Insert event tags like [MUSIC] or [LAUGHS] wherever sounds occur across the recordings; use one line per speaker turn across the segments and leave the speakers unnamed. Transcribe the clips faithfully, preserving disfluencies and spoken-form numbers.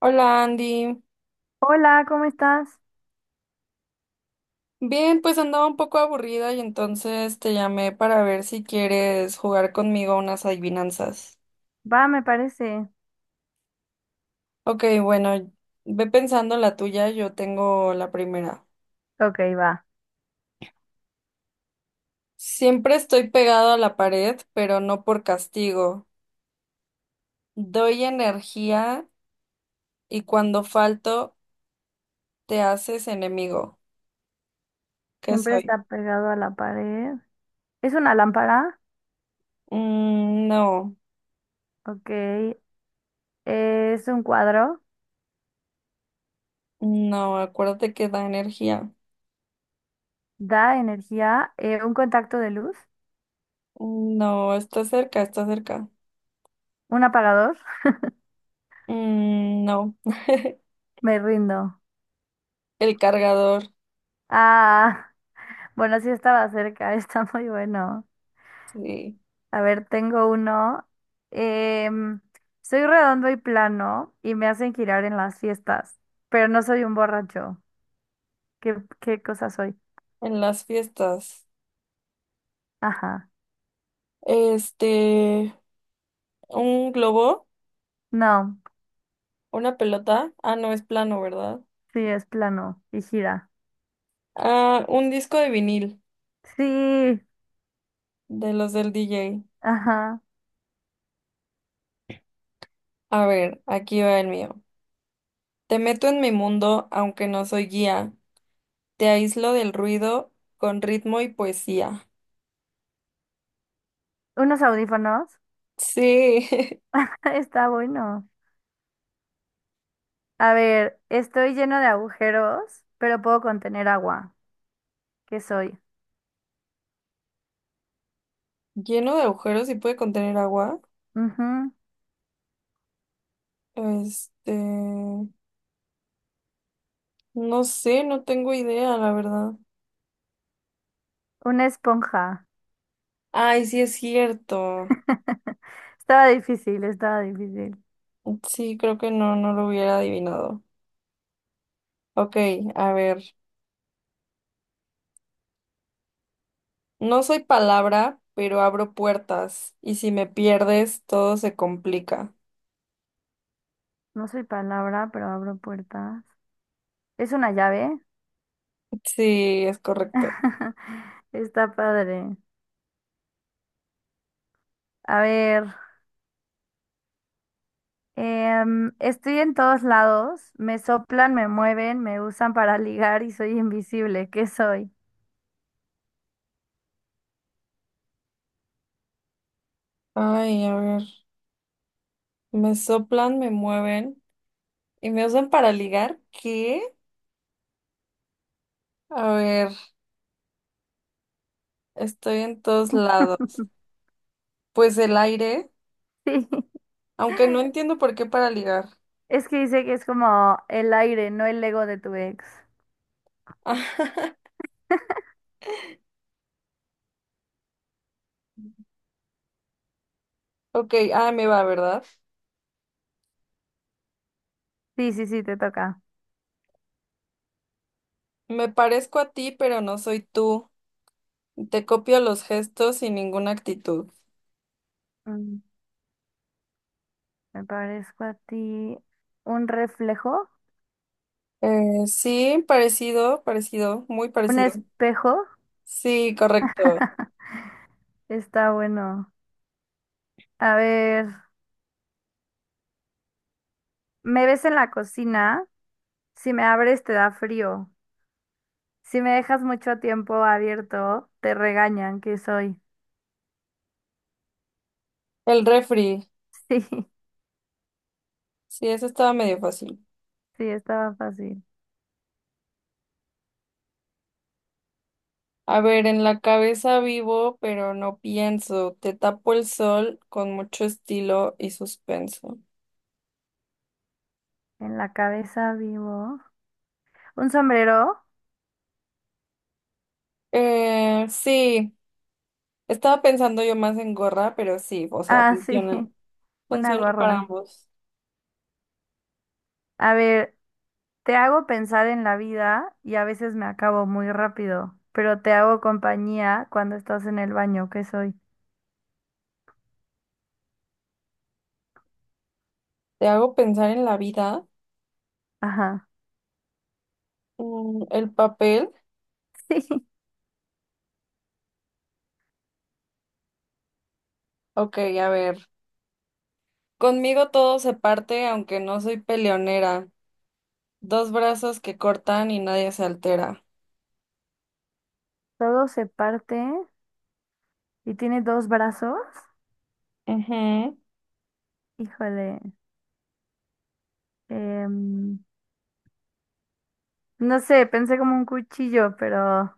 Hola, Andy.
Hola, ¿cómo estás?
Bien, pues andaba un poco aburrida y entonces te llamé para ver si quieres jugar conmigo unas adivinanzas.
Va, me parece.
Ok, bueno, ve pensando la tuya, yo tengo la primera.
Ok, va.
Siempre estoy pegado a la pared, pero no por castigo. Doy energía y cuando falto te haces enemigo. ¿Qué
Siempre
soy?
está pegado a la pared. ¿Es una lámpara?
Mm, no,
Ok. ¿Es un cuadro?
no, acuérdate que da energía.
¿Da energía? Eh, ¿un contacto de luz?
Mm, no, está cerca, está cerca.
¿Un apagador? [LAUGHS]
Mm, no. [LAUGHS]
Me rindo.
El cargador,
Ah, bueno, sí estaba cerca, [LAUGHS] está muy bueno.
sí,
A ver, tengo uno. Em, Soy redondo y plano y me hacen girar en las fiestas, pero no soy un borracho. ¿Qué, qué cosa soy?
en las fiestas.
Ajá.
Este, un globo,
No.
una pelota. Ah, no, es plano, ¿verdad?
Sí, es plano y gira.
Ah, un disco de vinil,
Sí,
de los del D J.
ajá.
A ver, aquí va el mío. Te meto en mi mundo, aunque no soy guía. Te aíslo del ruido con ritmo y poesía.
Unos audífonos.
Sí. [LAUGHS]
[LAUGHS] Está bueno. A ver, estoy lleno de agujeros, pero puedo contener agua. ¿Qué soy?
Lleno de agujeros y puede contener agua.
Ujú.
Este, no sé, no tengo idea, la verdad.
Una esponja.
Ay, sí es cierto.
[LAUGHS] Estaba difícil, estaba difícil.
Sí, creo que no, no lo hubiera adivinado. Ok, a ver. No soy palabra, pero abro puertas. Y si me pierdes, todo se complica.
No soy palabra, pero abro puertas. ¿Es una llave?
Sí, es correcto.
[LAUGHS] Está padre. A ver. Em, estoy en todos lados, me soplan, me mueven, me usan para ligar y soy invisible. ¿Qué soy?
Ay, a ver. Me soplan, me mueven y me usan para ligar. ¿Qué? A ver, estoy en todos lados.
[LAUGHS]
Pues el aire,
Sí,
aunque no entiendo por qué para ligar.
es que dice que es como el aire, no el ego de tu ex.
[LAUGHS] Ok, ah, me va, ¿verdad?
Sí, sí, sí, te toca.
Me parezco a ti, pero no soy tú. Te copio los gestos sin ninguna actitud.
Mm, Me parezco a ti. ¿Un reflejo?
Eh, sí, parecido, parecido, muy
¿Un
parecido.
espejo?
Sí, correcto.
[LAUGHS] Está bueno. A ver, me ves en la cocina, si me abres te da frío, si me dejas mucho tiempo abierto, te regañan, ¿qué soy?
El refri.
[LAUGHS] Sí.
Sí, eso estaba medio fácil.
Sí, estaba fácil.
A ver, en la cabeza vivo, pero no pienso. Te tapo el sol con mucho estilo y suspenso.
En la cabeza vivo. ¿Un sombrero?
Eh, sí, estaba pensando yo más en gorra, pero sí, o sea,
Ah, sí,
funciona.
[LAUGHS] una
Funciona para
gorra.
ambos.
A ver, te hago pensar en la vida y a veces me acabo muy rápido, pero te hago compañía cuando estás en el baño, ¿qué soy?
Te hago pensar en la vida.
Ajá. [LAUGHS]
Mm, el papel.
Sí.
Ok, a ver. Conmigo todo se parte, aunque no soy peleonera. Dos brazos que cortan y nadie se altera.
Todo se parte y tiene dos brazos.
Ujú.
Híjole. em, no sé, pensé como un cuchillo, pero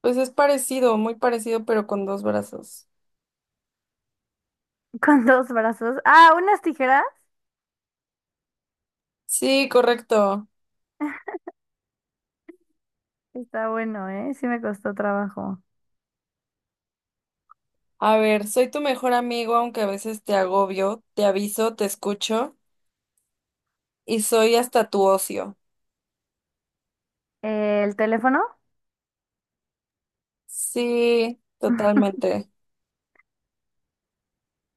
Pues es parecido, muy parecido, pero con dos brazos.
[LAUGHS] con dos brazos. Ah, unas tijeras.
Sí, correcto.
Está bueno, ¿eh? Sí me costó trabajo.
A ver, soy tu mejor amigo, aunque a veces te agobio, te aviso, te escucho y soy hasta tu ocio.
eh, El teléfono.
Sí,
[LAUGHS]
totalmente.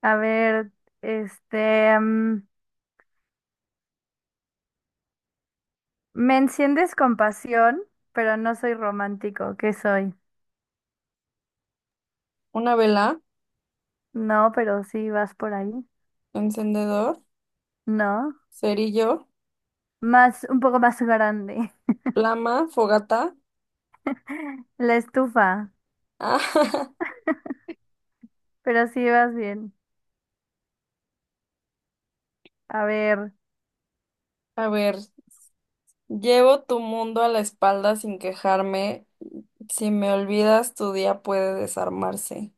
A ver, este, mm, me enciendes con pasión, pero no soy romántico. ¿Qué soy?
Una vela,
No, pero sí vas por ahí.
encendedor,
No,
cerillo,
más, un poco más grande.
plama, fogata.
[LAUGHS] La estufa,
Ah. [LAUGHS]
pero sí vas bien. A ver,
A ver, llevo tu mundo a la espalda sin quejarme. Si me olvidas, tu día puede desarmarse.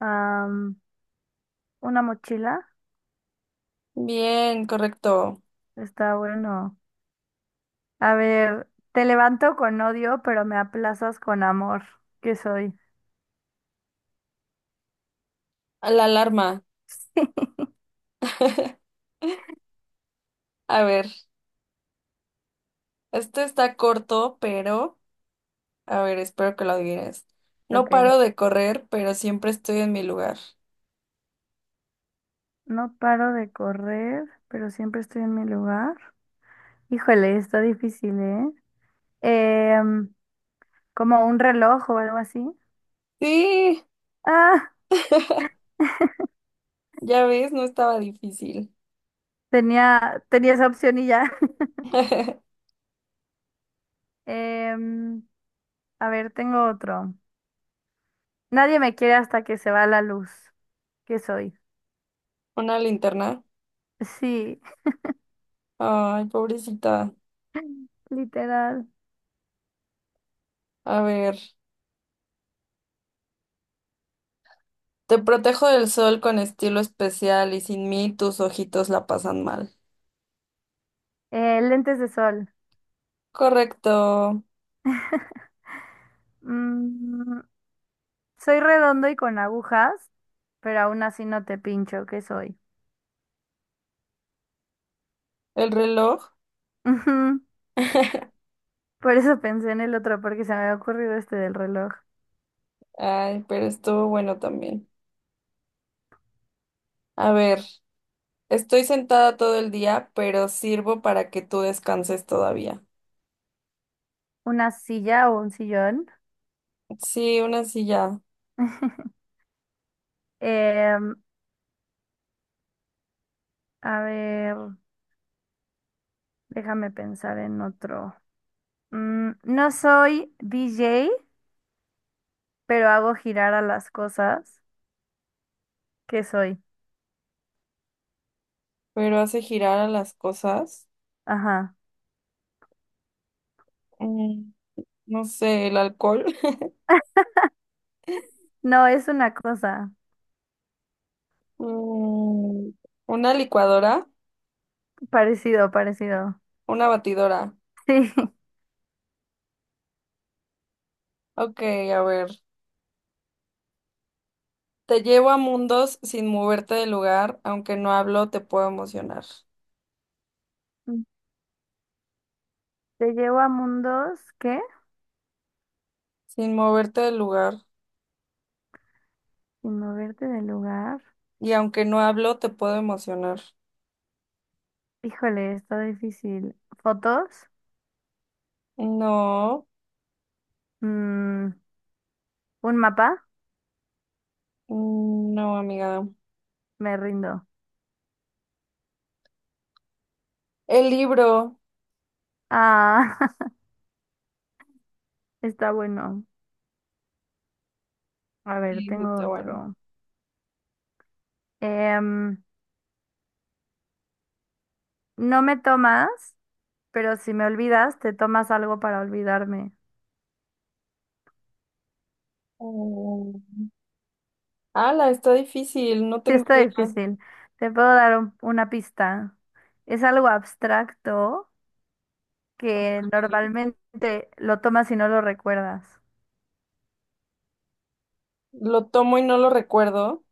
am, una mochila.
Bien, correcto.
Está bueno. A ver, te levanto con odio, pero me aplazas con amor. ¿Qué soy?
A la alarma.
[LAUGHS]
[LAUGHS] A ver, este está corto, pero a ver, espero que lo adivines. No
Ok.
paro de correr, pero siempre estoy en mi lugar.
No paro de correr, pero siempre estoy en mi lugar. Híjole, está difícil, ¿eh? Em, Como un reloj o algo así.
Sí,
Ah,
ya ves, no estaba difícil.
tenía, tenía esa opción y ya. [LAUGHS]
[LAUGHS]
Em, a ver, tengo otro. Nadie me quiere hasta que se va la luz. ¿Qué soy?
Una linterna.
Sí, [LAUGHS]
Ay, pobrecita.
literal.
A ver, te protejo del sol con estilo especial y sin mí tus ojitos la pasan mal.
Eh, lentes de sol.
Correcto.
Mm, Soy redondo y con agujas, pero aún así no te pincho. ¿Qué soy?
El reloj.
[LAUGHS]
[LAUGHS]
Por eso pensé en el otro, porque se me había ocurrido este del reloj.
Ay, pero estuvo bueno también. A ver. Estoy sentada todo el día, pero sirvo para que tú descanses todavía.
Una silla o un sillón.
Sí, una silla,
[LAUGHS] Em, a ver, déjame pensar en otro. Mm, no soy D J, pero hago girar a las cosas. ¿Qué soy?
pero hace girar a las cosas.
Ajá.
Mm, no sé, el alcohol. [LAUGHS]
No, es una cosa.
Mm, una licuadora,
Parecido, parecido.
una batidora.
Sí. [LAUGHS]
Ok, a ver. Te llevo a mundos sin moverte del lugar, aunque no hablo, te puedo emocionar.
Te llevo a mundos, ¿qué?
Sin moverte del lugar,
Sin moverte del lugar.
y aunque no hablo, te puedo emocionar.
Híjole, está difícil. ¿Fotos?
No,
Mm, ¿Un mapa?
mm, no, amiga.
Me rindo.
El libro.
Ah, [LAUGHS] está bueno. A ver,
Sí, sí,
tengo
está bueno.
otro. Em, no me tomas, pero si me olvidas, te tomas algo para olvidarme. [LAUGHS]
Mm. Ala, está difícil, no
Sí,
tengo
está
idea.
difícil. Te puedo dar un- una pista. Es algo abstracto que normalmente lo tomas y no lo recuerdas.
Lo tomo y no lo recuerdo.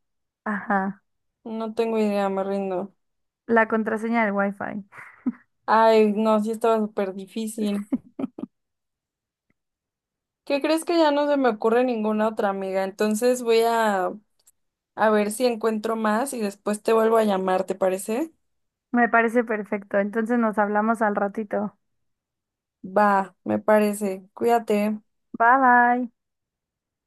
Ajá.
No tengo idea, me rindo.
La contraseña del Wi-Fi.
Ay, no, sí estaba súper difícil. ¿Qué crees que ya no se me ocurre ninguna otra amiga? Entonces voy a, a ver si encuentro más y después te vuelvo a llamar, ¿te parece?
Me parece perfecto. Entonces nos hablamos al ratito.
Va, me parece. Cuídate.
Bye bye.